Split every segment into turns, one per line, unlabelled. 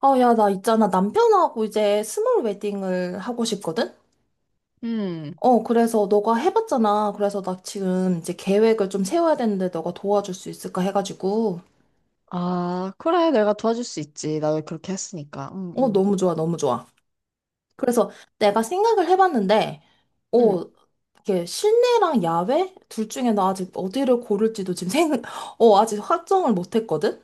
아, 야, 나 있잖아. 남편하고 이제 스몰 웨딩을 하고 싶거든?
음.
그래서 너가 해봤잖아. 그래서 나 지금 이제 계획을 좀 세워야 되는데 너가 도와줄 수 있을까 해가지고.
아, 그래. 내가 도와줄 수 있지. 나도 그렇게 했으니까.
너무 좋아, 너무 좋아. 그래서 내가 생각을 해봤는데, 어,
음.
이게 실내랑 야외? 둘 중에 나 아직 어디를 고를지도 지금 생, 아직 확정을 못했거든?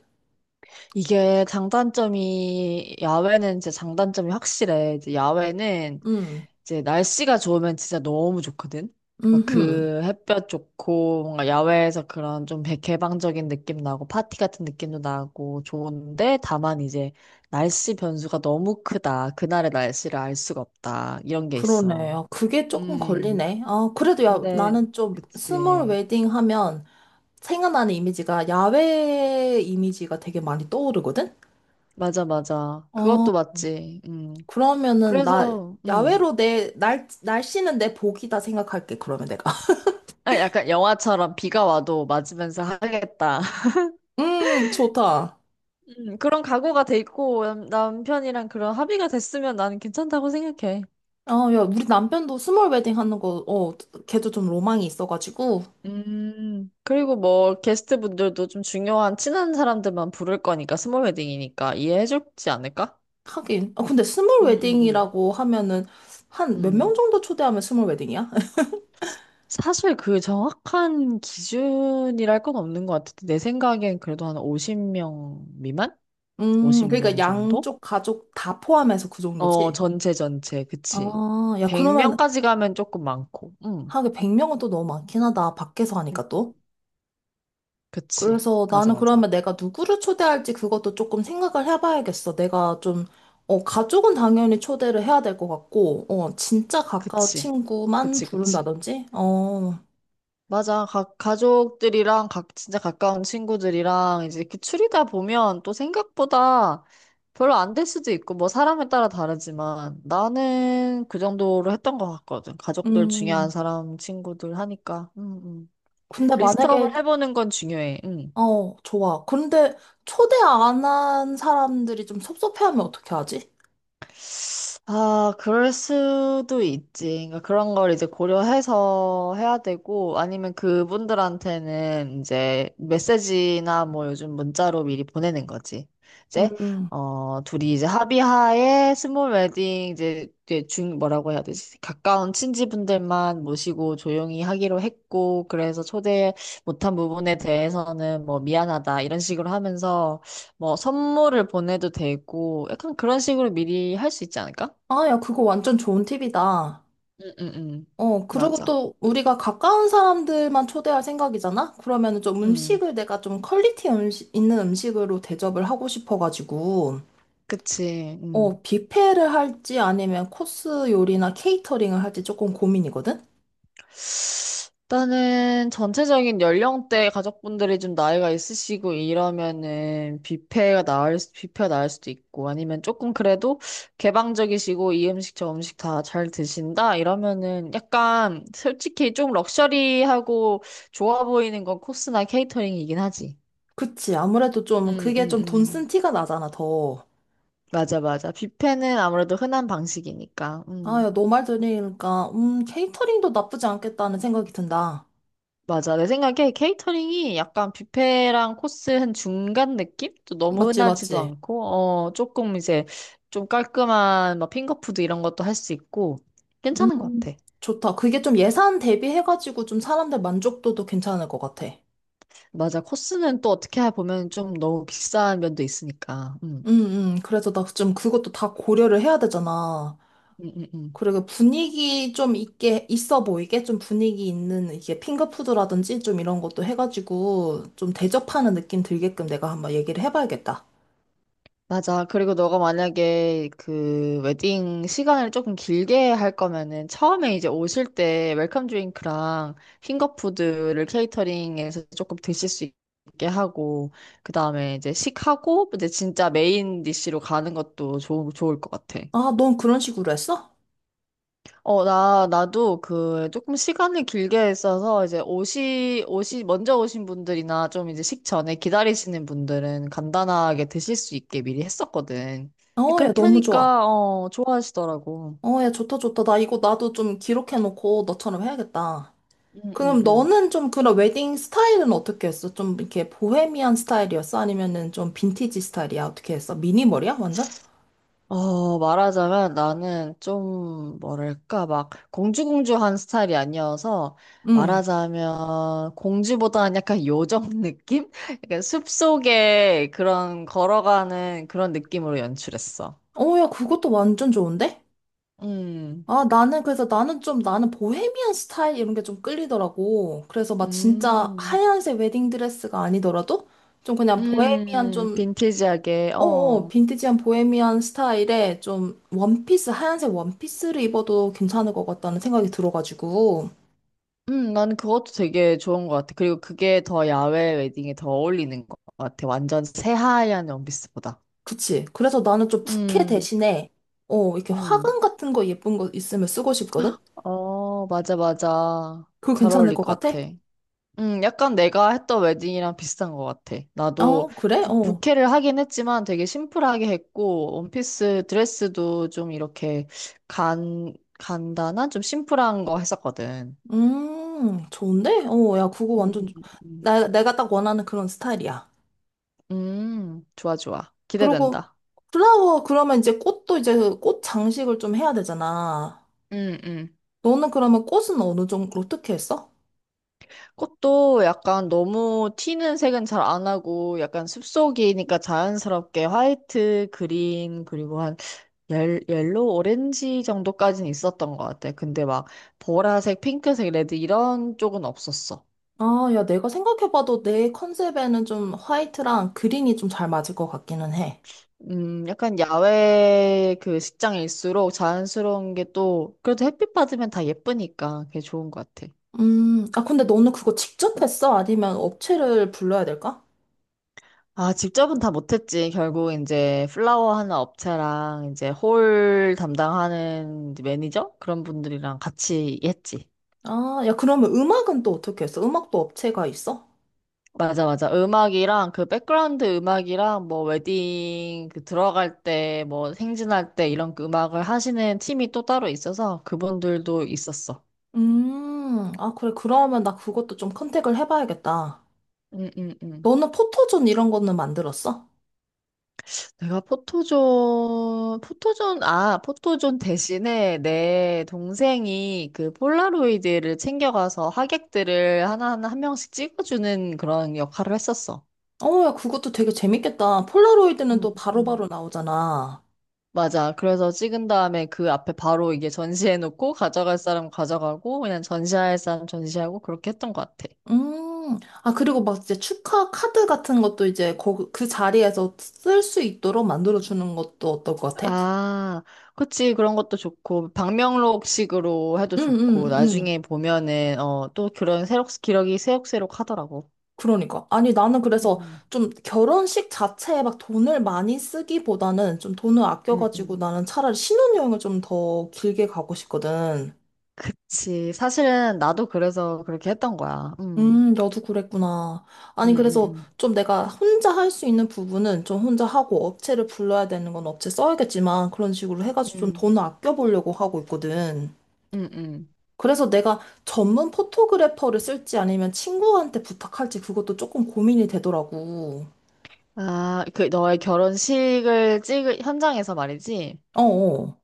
이게 장단점이, 야외는 진짜 장단점이 확실해. 이제 야외는
음,
이제 날씨가 좋으면 진짜 너무 좋거든. 막
음,
그 햇볕 좋고, 뭔가 야외에서 그런 좀 개방적인 느낌 나고, 파티 같은 느낌도 나고, 좋은데, 다만 이제 날씨 변수가 너무 크다. 그날의 날씨를 알 수가 없다. 이런 게 있어.
그러네. 요 그게 조금
음.
걸리네. 아, 그래도 야,
근데,
나는 좀 스몰
그치.
웨딩 하면 생각나는 이미지가 야외 이미지가 되게 많이 떠오르거든?
맞아, 맞아.
어,
그것도 맞지. 음.
그러면은 나
그래서,
야외로 내 날씨는 내 복이다 생각할게, 그러면 내가.
아, 약간 영화처럼 비가 와도 맞으면서 하겠다.
좋다.
그런 각오가 돼 있고, 남편이랑 그런 합의가 됐으면 나는 괜찮다고 생각해.
야, 우리 남편도 스몰 웨딩 하는 거, 어, 걔도 좀 로망이 있어가지고.
그리고 뭐, 게스트분들도 좀 중요한 친한 사람들만 부를 거니까, 스몰 웨딩이니까 이해해 주지 않을까?
하긴. 아, 근데 스몰
음, 음, 음.
웨딩이라고 하면은 한 몇
음.
명 정도 초대하면 스몰 웨딩이야?
사실 그 정확한 기준이랄 건 없는 것 같은데, 내 생각엔 그래도 한 50명 미만?
그러니까
50명 정도?
양쪽 가족 다 포함해서 그
어,
정도지?
전체 전체. 그치.
아, 야, 그러면
100명까지 가면 조금 많고. 응.
하긴 100명은 또 너무 많긴 하다. 밖에서
음.
하니까 또.
그치.
그래서
맞아,
나는
맞아.
그러면 내가 누구를 초대할지 그것도 조금 생각을 해봐야겠어. 내가 좀, 가족은 당연히 초대를 해야 될 것 같고, 어, 진짜 가까운
그치.
친구만
그치, 그치.
부른다든지, 어,
맞아. 가족들이랑 각, 진짜 가까운 친구들이랑 이제 이렇게 추리다 보면 또 생각보다 별로 안 될 수도 있고, 뭐 사람에 따라 다르지만 나는 그 정도로 했던 것 같거든. 가족들 중요한
음.
사람, 친구들 하니까. 음.
근데 만약에,
리스트업을 해보는 건 중요해. 응.
좋아. 근데 초대 안 한 사람들이 좀 섭섭해하면 어떻게 하지?
아, 그럴 수도 있지. 그러니까 그런 걸 이제 고려해서 해야 되고, 아니면 그분들한테는 이제 메시지나 뭐 요즘 문자로 미리 보내는 거지. 이제,
음.
어, 둘이 이제 합의하에 스몰 웨딩 이제 이게 중, 뭐라고 해야 되지? 가까운 친지분들만 모시고 조용히 하기로 했고, 그래서 초대 못한 부분에 대해서는 뭐 미안하다 이런 식으로 하면서 뭐 선물을 보내도 되고, 약간 그런 식으로 미리 할 수 있지 않을까?
아, 야, 그거 완전 좋은 팁이다.
응, 응, 응.
그리고
맞아.
또 우리가 가까운 사람들만 초대할 생각이잖아? 그러면은 좀
응.
음식을 내가 좀 퀄리티 음식, 있는 음식으로 대접을 하고 싶어가지고,
그치. 응.
뷔페를 할지 아니면 코스 요리나 케이터링을 할지 조금 고민이거든?
일단은 전체적인 연령대 가족분들이 좀 나이가 있으시고 이러면은 뷔페가 나을 수도 있고 아니면 조금 그래도 개방적이시고 이 음식 저 음식 다 잘 드신다 이러면은 약간 솔직히 좀 럭셔리하고 좋아 보이는 건 코스나 케이터링이긴 하지.
그치. 아무래도 좀
응,
그게
응,
좀 돈
응.
쓴 티가 나잖아, 더.
맞아, 맞아. 뷔페는 아무래도 흔한 방식이니까.
아, 야,
응.
너 말 들으니까, 케이터링도 나쁘지 않겠다는 생각이 든다.
맞아. 내 생각에 케이터링이 약간 뷔페랑 코스 한 중간 느낌? 또 너무
맞지,
흔하지도
맞지?
않고, 어, 조금 이제 좀 깔끔한 막 핑거푸드 이런 것도 할 수 있고, 괜찮은 것
음,
같아.
좋다. 그게 좀 예산 대비해가지고 좀 사람들 만족도도 괜찮을 것 같아.
맞아. 코스는 또 어떻게 보면 좀 너무 비싼 면도 있으니까.
그래서 나 좀 그것도 다 고려를 해야 되잖아.
음, 음, 음.
그리고 분위기 좀 있게, 있어 보이게 좀 분위기 있는 이게 핑거푸드라든지 좀 이런 것도 해가지고 좀 대접하는 느낌 들게끔 내가 한번 얘기를 해봐야겠다.
맞아. 그리고 너가 만약에 그 웨딩 시간을 조금 길게 할 거면은 처음에 이제 오실 때 웰컴 드링크랑 핑거푸드를 케이터링에서 조금 드실 수 있게 하고, 그 다음에 이제 식하고, 이제 진짜 메인 디쉬로 가는 것도 좋을 것 같아.
아, 넌 그런 식으로 했어?
어, 나도 그 조금 시간을 길게 써서 이제 옷이 먼저 오신 분들이나 좀 이제 식전에 기다리시는 분들은 간단하게 드실 수 있게 미리 했었거든. 근데
어, 야,
그렇게
너무 좋아.
하니까, 어, 좋아하시더라고.
어, 야, 좋다, 좋다. 나 이거 나도 좀 기록해놓고 너처럼 해야겠다.
응, 응,
그럼
응.
너는 좀 그런 웨딩 스타일은 어떻게 했어? 좀 이렇게 보헤미안 스타일이었어? 아니면은 좀 빈티지 스타일이야? 어떻게 했어? 미니멀이야? 완전?
어, 말하자면 나는 좀, 뭐랄까, 막 공주공주한 스타일이 아니어서
응.
말하자면 공주보다는 약간 요정 느낌? 약간 숲속에 그런 걸어가는 그런 느낌으로 연출했어.
어, 야, 그것도 완전 좋은데?
음,
아, 나는 좀, 나는 보헤미안 스타일 이런 게 좀 끌리더라고. 그래서 막 진짜
음,
하얀색 웨딩드레스가 아니더라도 좀 그냥 보헤미안 좀,
빈티지하게,
어어,
어.
빈티지한 보헤미안 스타일에 좀 원피스, 하얀색 원피스를 입어도 괜찮을 것 같다는 생각이 들어가지고.
나는 그것도 되게 좋은 것 같아. 그리고 그게 더 야외 웨딩에 더 어울리는 것 같아. 완전 새하얀 원피스보다.
그치. 그래서 나는 좀 부케
음,
대신에, 이렇게
음.
화관 같은 거 예쁜 거 있으면 쓰고 싶거든?
어, 맞아, 맞아.
그거
잘
괜찮을
어울릴
것
것
같아?
같아. 약간 내가 했던 웨딩이랑 비슷한 것 같아. 나도
어, 그래? 어.
부케를 하긴 했지만 되게 심플하게 했고, 원피스 드레스도 좀 이렇게 간, 간단한, 좀 심플한 거 했었거든.
좋은데? 어, 야, 그거
음,
완전,
음.
내가 딱 원하는 그런 스타일이야.
좋아, 좋아.
그리고
기대된다.
플라워, 그러면 이제 꽃도 이제 그꽃 장식을 좀 해야 되잖아.
음, 음.
너는 그러면 꽃은 어느 정도, 어떻게 했어?
꽃도 약간 너무 튀는 색은 잘 안 하고 약간 숲속이니까 자연스럽게 화이트, 그린, 그리고 한 옐로우, 오렌지 정도까지는 있었던 것 같아. 근데 막 보라색, 핑크색, 레드 이런 쪽은 없었어.
아, 야, 내가 생각해봐도 내 컨셉에는 좀 화이트랑 그린이 좀 잘 맞을 것 같기는 해.
약간 야외 그 식장일수록 자연스러운 게 또 그래도 햇빛 받으면 다 예쁘니까 그게 좋은 것 같아.
아, 근데 너는 그거 직접 했어? 아니면 업체를 불러야 될까?
아, 직접은 다 못했지. 결국 이제 플라워 하는 업체랑 이제 홀 담당하는 이제 매니저? 그런 분들이랑 같이 했지.
아, 야, 그러면 음악은 또 어떻게 했어? 음악도 업체가 있어?
맞아, 맞아. 음악이랑 그 백그라운드 음악이랑 뭐 웨딩 그 들어갈 때 뭐 행진할 때 이런 그 음악을 하시는 팀이 또 따로 있어서 그분들도 있었어.
아, 그래. 그러면 나 그것도 좀 컨택을 해봐야겠다.
응, 응, 응.
너는 포토존 이런 거는 만들었어?
아, 포토존 대신에 내 동생이 그 폴라로이드를 챙겨가서 하객들을 하나하나 한 명씩 찍어주는 그런 역할을 했었어.
어, 야, 그것도 되게 재밌겠다. 폴라로이드는
음,
또 바로바로
음.
나오잖아.
맞아. 그래서 찍은 다음에 그 앞에 바로 이게 전시해놓고 가져갈 사람 가져가고 그냥 전시할 사람 전시하고 그렇게 했던 것 같아.
아, 그리고 막 이제 축하 카드 같은 것도 이제 거, 그 자리에서 쓸 수 있도록 만들어주는 것도 어떨 것 같아?
아, 그치. 그런 것도 좋고 방명록식으로 해도
응,
좋고
응, 응.
나중에 보면은 어, 또 그런 새록 기록이 새록새록 하더라고.
그러니까. 아니, 나는 그래서
음,
좀 결혼식 자체에 막 돈을 많이 쓰기보다는 좀 돈을
음,
아껴가지고
음.
나는 차라리 신혼여행을 좀 더 길게 가고 싶거든.
그치. 사실은 나도 그래서 그렇게 했던 거야.
너도 그랬구나.
음,
아니,
음,
그래서
음,
좀 내가 혼자 할 수 있는 부분은 좀 혼자 하고 업체를 불러야 되는 건 업체 써야겠지만 그런 식으로 해가지고 좀
음,
돈을 아껴보려고 하고 있거든.
음.
그래서 내가 전문 포토그래퍼를 쓸지 아니면 친구한테 부탁할지 그것도 조금 고민이 되더라고.
아, 그 너의 결혼식을 찍을 현장에서 말이지.
어어.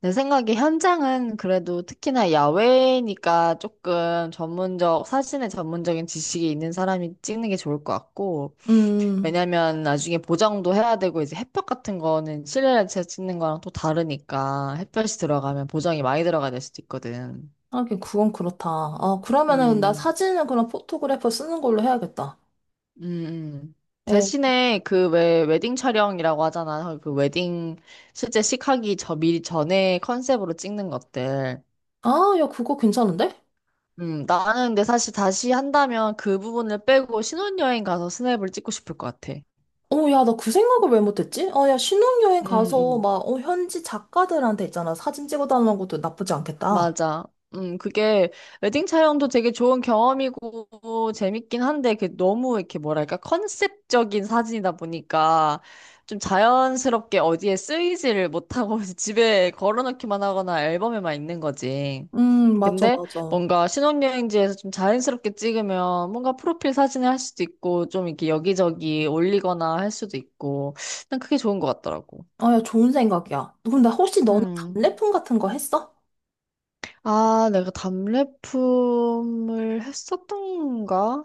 내 생각에 현장은 그래도 특히나 야외니까 조금 전문적, 사진에 전문적인 지식이 있는 사람이 찍는 게 좋을 것 같고.
음,
왜냐면 나중에 보정도 해야 되고 이제 햇볕 같은 거는 실내에서 찍는 거랑 또 다르니까 햇볕이 들어가면 보정이 많이 들어가야 될 수도 있거든.
하긴 그건 그렇다. 아, 그러면은 나
음,
사진은 그럼 포토그래퍼 쓰는 걸로 해야겠다.
음, 음.
어.
대신에 그 왜 웨딩 촬영이라고 하잖아. 그 웨딩 실제 식하기 저 미리 전에 컨셉으로 찍는 것들.
아, 야, 그거 괜찮은데?
나는 근데 사실 다시 한다면 그 부분을 빼고 신혼여행 가서 스냅을 찍고 싶을 것 같아.
어, 야, 나 그 생각을 왜 못했지? 아, 야, 신혼여행 가서
음,
막, 어, 현지 작가들한테 있잖아. 사진 찍어달라는 것도 나쁘지 않겠다.
맞아. 그게 웨딩 촬영도 되게 좋은 경험이고 재밌긴 한데 그 너무 이렇게 뭐랄까 컨셉적인 사진이다 보니까 좀 자연스럽게 어디에 쓰이지를 못하고 집에 걸어놓기만 하거나 앨범에만 있는 거지.
맞아,
근데
맞아.
뭔가 신혼여행지에서 좀 자연스럽게 찍으면 뭔가 프로필 사진을 할 수도 있고 좀 이렇게 여기저기 올리거나 할 수도 있고 난 그게 좋은 것 같더라고.
아, 야, 좋은 생각이야. 근데 혹시 너는
음.
답례품 같은 거 했어?
아, 내가 답례품을 했었던가?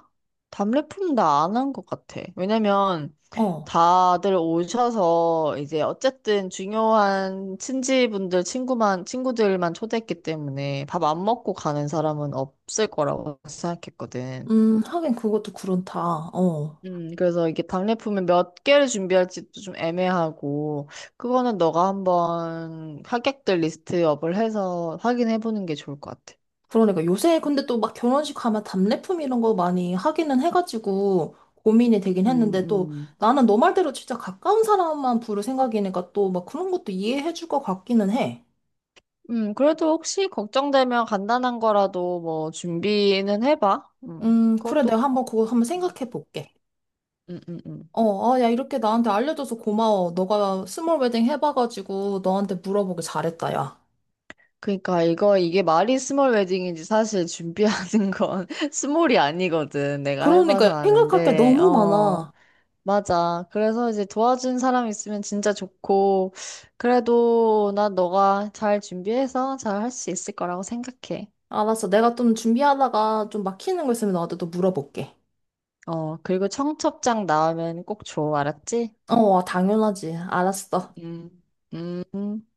답례품 나 안 한 것 같아. 왜냐면
어.
다들 오셔서 이제 어쨌든 중요한 친구들만 초대했기 때문에 밥 안 먹고 가는 사람은 없을 거라고 생각했거든.
하긴 그것도 그렇다. 어.
그래서 이게 답례품을 몇 개를 준비할지도 좀 애매하고, 그거는 너가 한번 하객들 리스트업을 해서 확인해 보는 게 좋을 것 같아.
그러니까 요새 근데 또 막 결혼식 가면 답례품 이런 거 많이 하기는 해가지고 고민이 되긴
음,
했는데 또
음.
나는 너 말대로 진짜 가까운 사람만 부를 생각이니까 또 막 그런 것도 이해해줄 것 같기는 해.
그래도 혹시 걱정되면 간단한 거라도 뭐 준비는 해봐.
그래, 내가
그것도,
한번 그거 한번 생각해 볼게.
음, 음, 음.
어, 아, 야, 이렇게 나한테 알려줘서 고마워. 너가 스몰 웨딩 해봐가지고 너한테 물어보길 잘했다, 야.
그러니까 이게 말이 스몰 웨딩이지 사실 준비하는 건 스몰이 아니거든. 내가
그러니까
해봐서
생각할 게
아는데,
너무
어,
많아.
맞아. 그래서 이제 도와준 사람 있으면 진짜 좋고, 그래도 난 너가 잘 준비해서 잘 할 수 있을 거라고 생각해.
알았어, 내가 좀 준비하다가 좀 막히는 거 있으면 너한테 또 물어볼게.
어, 그리고 청첩장 나오면 꼭 줘, 알았지?
어, 당연하지. 알았어.
음, 음.